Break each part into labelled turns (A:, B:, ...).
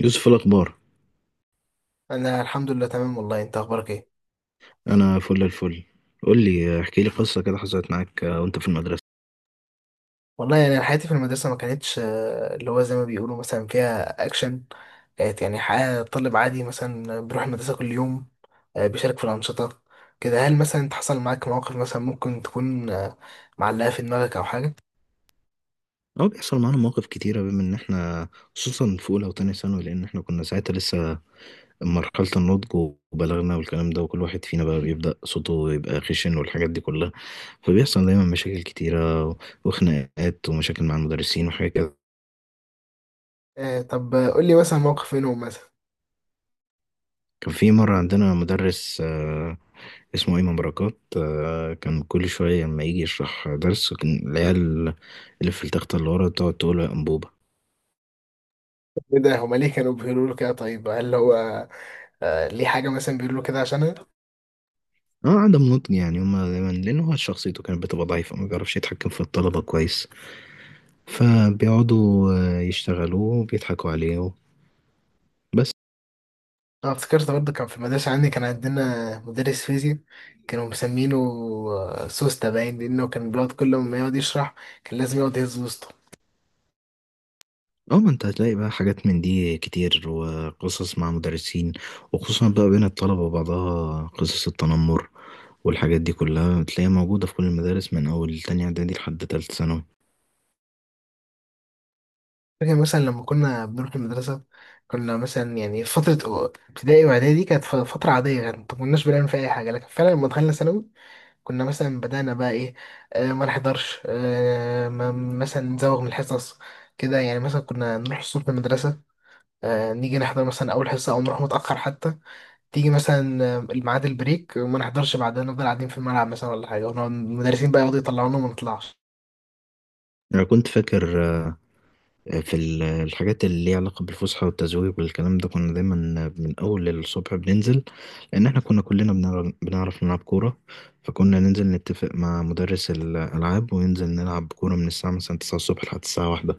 A: يوسف، الأخبار؟
B: انا الحمد لله تمام. والله انت اخبارك ايه؟
A: أنا فل الفل. قول لي، احكي لي قصة كده حصلت معاك وأنت في المدرسة.
B: والله يعني أنا حياتي في المدرسه ما كانتش، اللي هو زي ما بيقولوا مثلا فيها اكشن. كانت يعني حياه طالب عادي مثلا بيروح المدرسه كل يوم. بيشارك في الانشطه. كده هل مثلا انت حصل معاك مواقف مثلا ممكن تكون معلقه في دماغك او حاجه؟
A: أو بيحصل معانا مواقف كتيرة بما إن إحنا خصوصا في أولى وتانية ثانوي، لأن إحنا كنا ساعتها لسه مرحلة النضج وبلغنا والكلام ده، وكل واحد فينا بقى بيبدأ صوته يبقى خشن والحاجات دي كلها. فبيحصل دايما مشاكل كتيرة وخناقات ومشاكل مع المدرسين وحاجات كده.
B: طب قول لي مثلا موقف منهم مثلا.
A: كان في مرة عندنا مدرس اسمه إمام بركات. كان كل شوية لما يجي يشرح درس كان العيال اللي في التختة اللي ورا تقعد تقول يا أنبوبة.
B: ايه ده، هما ليه كانوا بيقولوا له كده؟ طيب هل هو ليه حاجه مثلا بيقولوا له كده عشانها؟
A: اه، عدم نضج يعني، هما دايما، لأن هو شخصيته كانت بتبقى ضعيفة، ما بيعرفش يتحكم في الطلبة كويس، فبيقعدوا يشتغلوه وبيضحكوا عليه بس.
B: أنا افتكرت برضه كان في المدرسة عندي كان عندنا مدرس فيزياء كانوا مسمينه سوسته باين، لأنه كان بيقعد كل ما يقعد يشرح كان لازم يقعد يهز وسطه.
A: اه، ما انت هتلاقي بقى حاجات من دي كتير وقصص مع مدرسين، وخصوصا بقى بين الطلبة وبعضها قصص التنمر والحاجات دي كلها، تلاقيها موجودة في كل المدارس من أول تانية إعدادي لحد تالتة ثانوي.
B: فاكر مثلا لما كنا بنروح المدرسة، كنا مثلا يعني فترة ابتدائي وإعدادي كانت فترة عادية، يعني ما كناش بنعمل فيها أي حاجة، لكن فعلا لما دخلنا ثانوي كنا مثلا بدأنا بقى إيه، ما نحضرش، ما مثلا نزوغ من الحصص. كده يعني مثلا كنا نروح الصبح المدرسة، نيجي نحضر مثلا أول حصة أو نروح متأخر حتى. تيجي مثلا الميعاد البريك وما نحضرش بعدها، نفضل قاعدين في الملعب مثلا ولا حاجه، ونقعد المدرسين بقى يقعدوا يطلعونا وما نطلعش.
A: أنا كنت فاكر في الحاجات اللي ليها علاقة بالفسحة والتزويق والكلام ده، كنا دايما من أول الصبح بننزل، لأن إحنا كنا كلنا بنعرف نلعب كورة. فكنا ننزل نتفق مع مدرس الألعاب وننزل نلعب كورة من الساعة مثلا 9 الصبح لحد الساعة 1.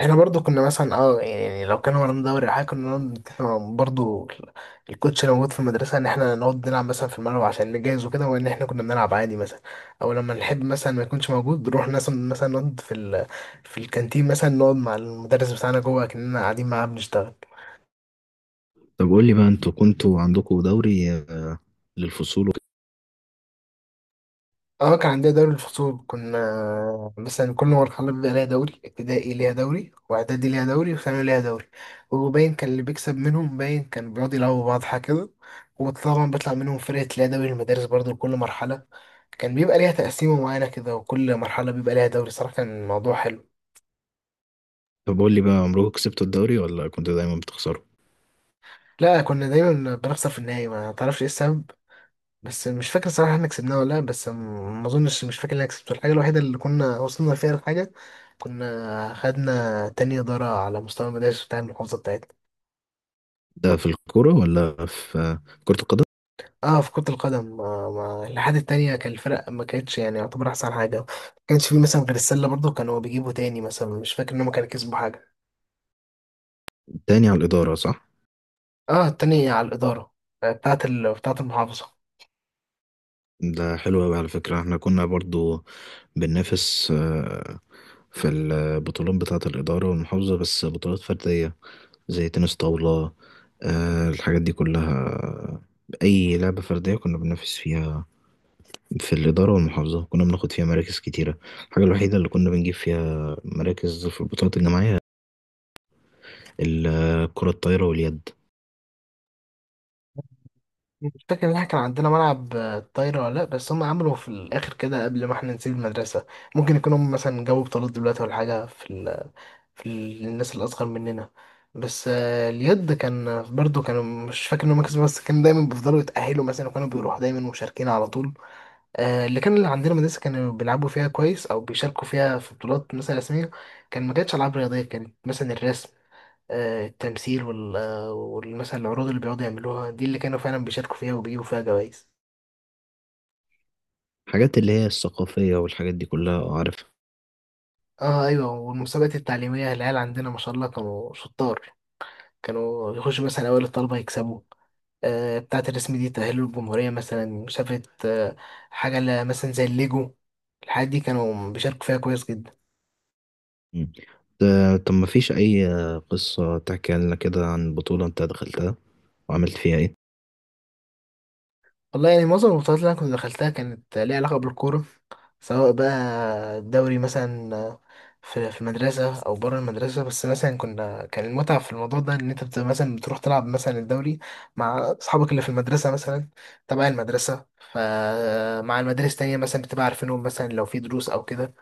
B: احنا برضو كنا مثلا يعني لو كان ورانا دوري او حاجه، كنا نقعد نتفق برضو الكوتش اللي موجود في المدرسه، ان احنا نقعد نلعب مثلا في الملعب عشان نجهز وكده، وان احنا كنا بنلعب عادي مثلا. او لما نحب مثلا ما يكونش موجود، نروح مثلا نقعد في في الكانتين مثلا، نقعد مع المدرس بتاعنا جوه كأننا قاعدين معاه بنشتغل.
A: طب قول لي بقى، أنتوا كنتوا عندكوا دوري للفصول وكده؟
B: اه كان عندنا دوري الفصول، كنا مثلا كل مرحلة بيبقى ليها دوري، ابتدائي ليها دوري واعدادي ليها دوري وثانوي ليها دوري. وباين كان اللي بيكسب منهم باين كان بيقعد يلعبوا بعض حاجة كده. وطبعا بيطلع منهم فرقة ليها دوري المدارس برضو لكل مرحلة. كان بيبقى ليها تقسيمة معينة كده، وكل مرحلة بيبقى ليها دوري. صراحة كان الموضوع حلو.
A: طب قول لي بقى، عمركم كسبتوا الدوري ولا كنتوا دايما بتخسروا؟
B: لا، كنا دايما بنخسر في النهاية، ما تعرفش ايه السبب. بس مش فاكر صراحة احنا كسبناه ولا لا، بس ما اظنش، مش فاكر ان انا كسبته. الحاجة الوحيدة اللي كنا وصلنا فيها لحاجة، كنا خدنا تاني إدارة على مستوى المدارس بتاع المحافظة بتاعتنا.
A: ده في الكورة ولا في كرة القدم؟
B: اه في كرة القدم، ما الاتحاد التانية كان، الفرق ما كانتش يعني يعتبر أحسن حاجة، ما كانش فيه مثلا غير السلة برضه كانوا بيجيبوا تاني مثلا، مش فاكر إن هما كانوا كسبوا حاجة.
A: تاني على الإدارة، صح؟
B: اه التانية على الإدارة، بتاعت بتاعت المحافظة.
A: ده حلو أوي على فكرة، احنا كنا برضو بننافس في البطولات بتاعة الإدارة والمحافظة، بس بطولات فردية زي تنس طاولة. الحاجات دي كلها، أي لعبة فردية كنا بننافس فيها في الإدارة والمحافظة، كنا بناخد فيها مراكز كتيرة. الحاجة الوحيدة اللي كنا بنجيب فيها مراكز في البطولات الجماعية، الكرة الطايرة واليد.
B: مش فاكر ان احنا كان عندنا ملعب طايرة ولا لا، بس هم عملوا في الاخر كده قبل ما احنا نسيب المدرسة. ممكن يكونوا هم مثلا جابوا بطولات دلوقتي ولا حاجة في في الناس الاصغر مننا. بس اليد كان برضو كانوا، مش فاكر ان هم كسبوا، بس كانوا دايما بيفضلوا يتأهلوا مثلا وكانوا بيروحوا دايما مشاركين على طول. اللي عندنا مدرسة كانوا بيلعبوا فيها كويس او بيشاركوا فيها في بطولات مثلا رسمية، كان ما كانتش العاب رياضية، كانت مثلا الرسم، التمثيل مثلا العروض اللي بيقعدوا يعملوها دي، اللي كانوا فعلا بيشاركوا فيها وبيجيبوا فيها جوائز.
A: الحاجات اللي هي الثقافية والحاجات دي كلها، عارفها.
B: اه ايوه، والمسابقات التعليميه العيال عندنا ما شاء الله كانوا شطار، كانوا يخشوا مثلا اوائل الطلبه يكسبوا. بتاعة الرسم دي تأهلوا الجمهورية مثلا، مسابقة حاجة مثلا زي الليجو، الحاجات دي كانوا بيشاركوا فيها كويس جدا.
A: مم. طب، ما فيش أي قصة تحكي لنا كده عن بطولة أنت دخلتها وعملت فيها إيه؟
B: والله يعني معظم البطولات اللي انا كنت دخلتها كانت ليها علاقه بالكوره، سواء بقى دوري مثلا في المدرسه او بره المدرسه. بس مثلا كنا كان المتعه في الموضوع ده ان انت مثلا بتروح تلعب مثلا الدوري مع اصحابك اللي في المدرسه مثلا، تبع المدرسه، فمع المدارس تانية مثلا بتبقى عارفينهم مثلا لو في دروس او كده،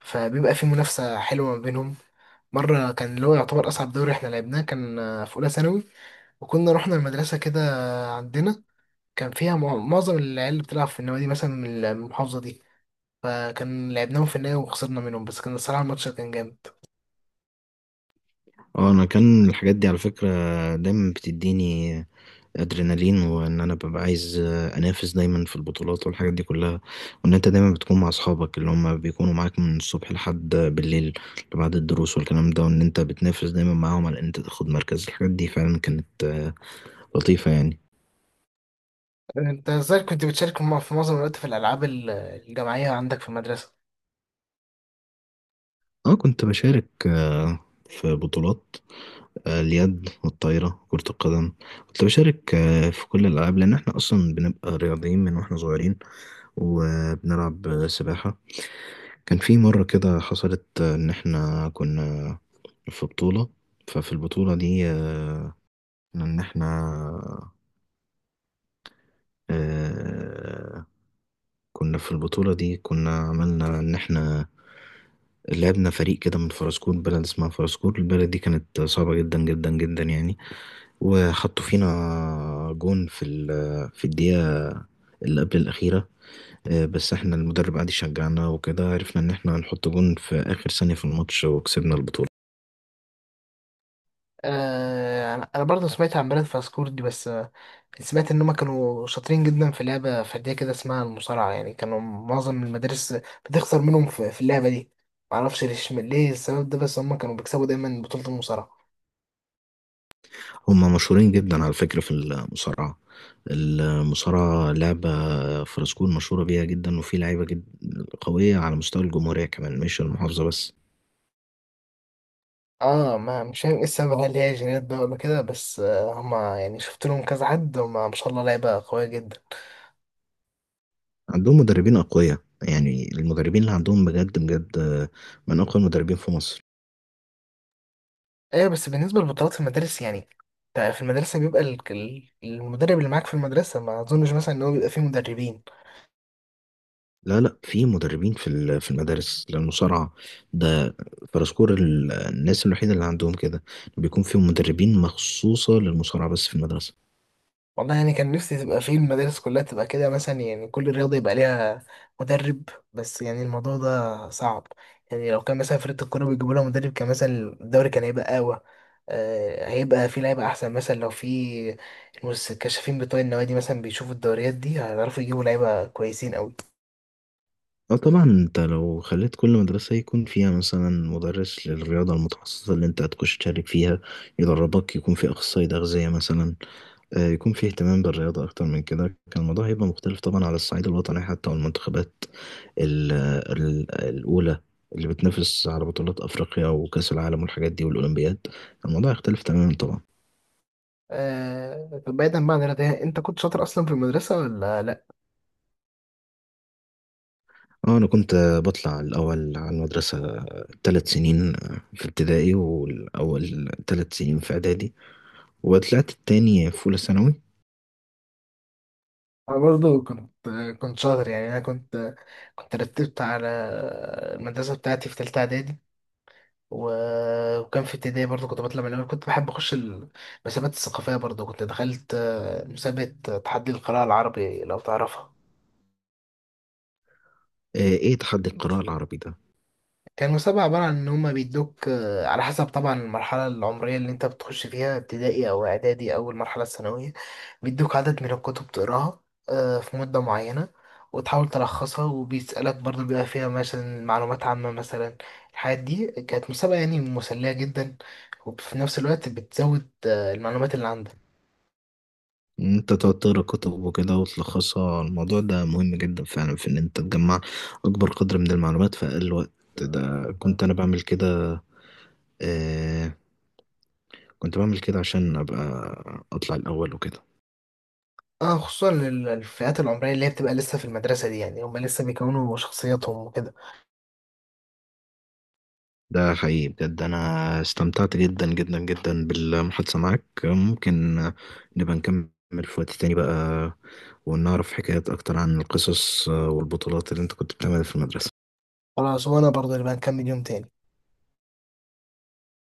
B: فبيبقى في منافسه حلوه ما بينهم. مرة كان اللي هو يعتبر أصعب دوري احنا لعبناه كان في أولى ثانوي، وكنا رحنا المدرسة كده عندنا، كان فيها معظم العيال اللي بتلعب في النوادي مثلا من المحافظة دي، فكان لعبناهم في النهاية وخسرنا منهم، بس كان الصراحة الماتش كان جامد.
A: اه انا، كان الحاجات دي على فكرة دايما بتديني ادرينالين، وان انا ببقى عايز انافس دايما في البطولات والحاجات دي كلها، وان انت دايما بتكون مع اصحابك اللي هم بيكونوا معاك من الصبح لحد بالليل بعد الدروس والكلام ده، وان انت بتنافس دايما معاهم على ان انت تاخد مركز. الحاجات دي فعلا كانت لطيفة يعني.
B: انت ازاي كنت بتشارك في معظم الوقت في الألعاب الجماعية عندك في المدرسة؟
A: اه كنت بشارك في بطولات، اليد والطايرة، كرة القدم. كنت بشارك في كل الألعاب، لأن احنا أصلا بنبقى رياضيين من واحنا صغيرين، وبنلعب سباحة. كان في مرة كده حصلت إن احنا كنا في بطولة. ففي البطولة دي إن احنا آه، كنا في البطولة دي، كنا عملنا إن احنا لعبنا فريق كده من فرسكور. بلد اسمها فرسكور، البلد دي كانت صعبة جدا جدا جدا يعني، وحطوا فينا جون في في الدقيقة اللي قبل الأخيرة. بس احنا المدرب قعد يشجعنا وكده، عرفنا ان احنا هنحط جون في آخر ثانية في الماتش وكسبنا البطولة.
B: أنا برضه سمعت عن بلد فاسكور دي، بس سمعت ان هم كانوا شاطرين جدا في لعبة فردية كده اسمها المصارعة، يعني كانوا معظم المدارس بتخسر منهم في اللعبة دي. معرفش ليه السبب ده، بس هم كانوا بيكسبوا دايما بطولة المصارعة.
A: هما مشهورين جدا على فكرة في المصارعة، المصارعة لعبة فرنسكون مشهورة بيها جدا، وفي لعيبة جد قوية على مستوى الجمهورية كمان، مش المحافظة بس.
B: اه، ما مش فاهم ايه السبب، هل هي جينات بقى ولا كده؟ بس هما يعني شفت لهم كذا حد، هما ما شاء الله لعيبة قوية جدا.
A: عندهم مدربين أقوياء، يعني المدربين اللي عندهم بجد بجد من أقوى المدربين في مصر.
B: ايوه بس بالنسبة للبطولات في المدارس، يعني انت في المدرسة بيبقى المدرب اللي معاك في المدرسة، ما اظنش مثلا ان هو بيبقى فيه مدربين.
A: لا لا، في مدربين في في المدارس للمصارعة. ده فرسكور الناس الوحيدة اللي عندهم كده بيكون فيهم مدربين مخصوصة للمصارعة بس في المدرسة.
B: والله يعني كان نفسي تبقى في المدارس كلها تبقى كده مثلا، يعني كل رياضة يبقى ليها مدرب، بس يعني الموضوع ده صعب. يعني لو كان مثلا فرقة الكورة بيجيبوا لها مدرب، كان مثلا الدوري كان هيبقى أقوى، هيبقى في لعيبة أحسن. مثلا لو في الكشافين بتوع النوادي مثلا بيشوفوا الدوريات دي، هيعرفوا يجيبوا لعيبة كويسين أوي.
A: اه طبعا، انت لو خليت كل مدرسة يكون فيها مثلا مدرس للرياضة المتخصصة اللي انت هتخش تشارك فيها يدربك، يكون في أخصائي تغذية مثلا، يكون فيه اهتمام بالرياضة أكتر من كده، كان الموضوع هيبقى مختلف طبعا على الصعيد الوطني حتى، والمنتخبات ال- الأولى اللي بتنافس على بطولات أفريقيا وكأس العالم والحاجات دي والأولمبياد، الموضوع يختلف تماما طبعا.
B: طب بعيدا بقى عن الرياضة، يعني أنت كنت شاطر أصلا في المدرسة ولا لأ؟
A: اه انا كنت بطلع الاول على المدرسه 3 سنين في ابتدائي، والاول 3 سنين في اعدادي، وطلعت التاني في اولى ثانوي.
B: أنا برضه كنت شاطر، يعني أنا كنت رتبت على المدرسة بتاعتي في تالتة إعدادي، وكان في ابتدائي برضه كنت بطلع من الأول. كنت بحب أخش المسابقات الثقافية، برضه كنت دخلت مسابقة تحدي القراءة العربي، لو تعرفها.
A: ايه تحدي القراءه العربي ده؟
B: كان مسابقة عبارة عن إن هما بيدوك على حسب طبعا المرحلة العمرية اللي أنت بتخش فيها، ابتدائي أو إعدادي أو المرحلة الثانوية، بيدوك عدد من الكتب تقراها في مدة معينة، وتحاول تلخصها، وبيسألك برضه بيبقى فيها مثلا معلومات عامة مثلا. الحاجات دي كانت مسابقة يعني مسلية جدا، وفي نفس الوقت بتزود المعلومات اللي عندك.
A: إن انت تقعد تقرا كتب وكده وتلخصها، الموضوع ده مهم جدا فعلا في ان انت تجمع اكبر قدر من المعلومات في اقل وقت. ده كنت انا بعمل كده، آه كنت بعمل كده عشان ابقى اطلع الاول وكده.
B: اه، خصوصا الفئات العمريه اللي هي بتبقى لسه في المدرسه دي، يعني هم لسه بيكونوا شخصيتهم وكده.
A: ده حقيقي، بجد انا استمتعت جدا جدا جدا بالمحادثة معاك. ممكن نبقى نكمل في وقت تاني بقى، ونعرف حكايات اكتر عن القصص والبطولات اللي انت كنت بتعملها في المدرسة.
B: خلاص، وانا برضه اللي بقى نكمل يوم تاني.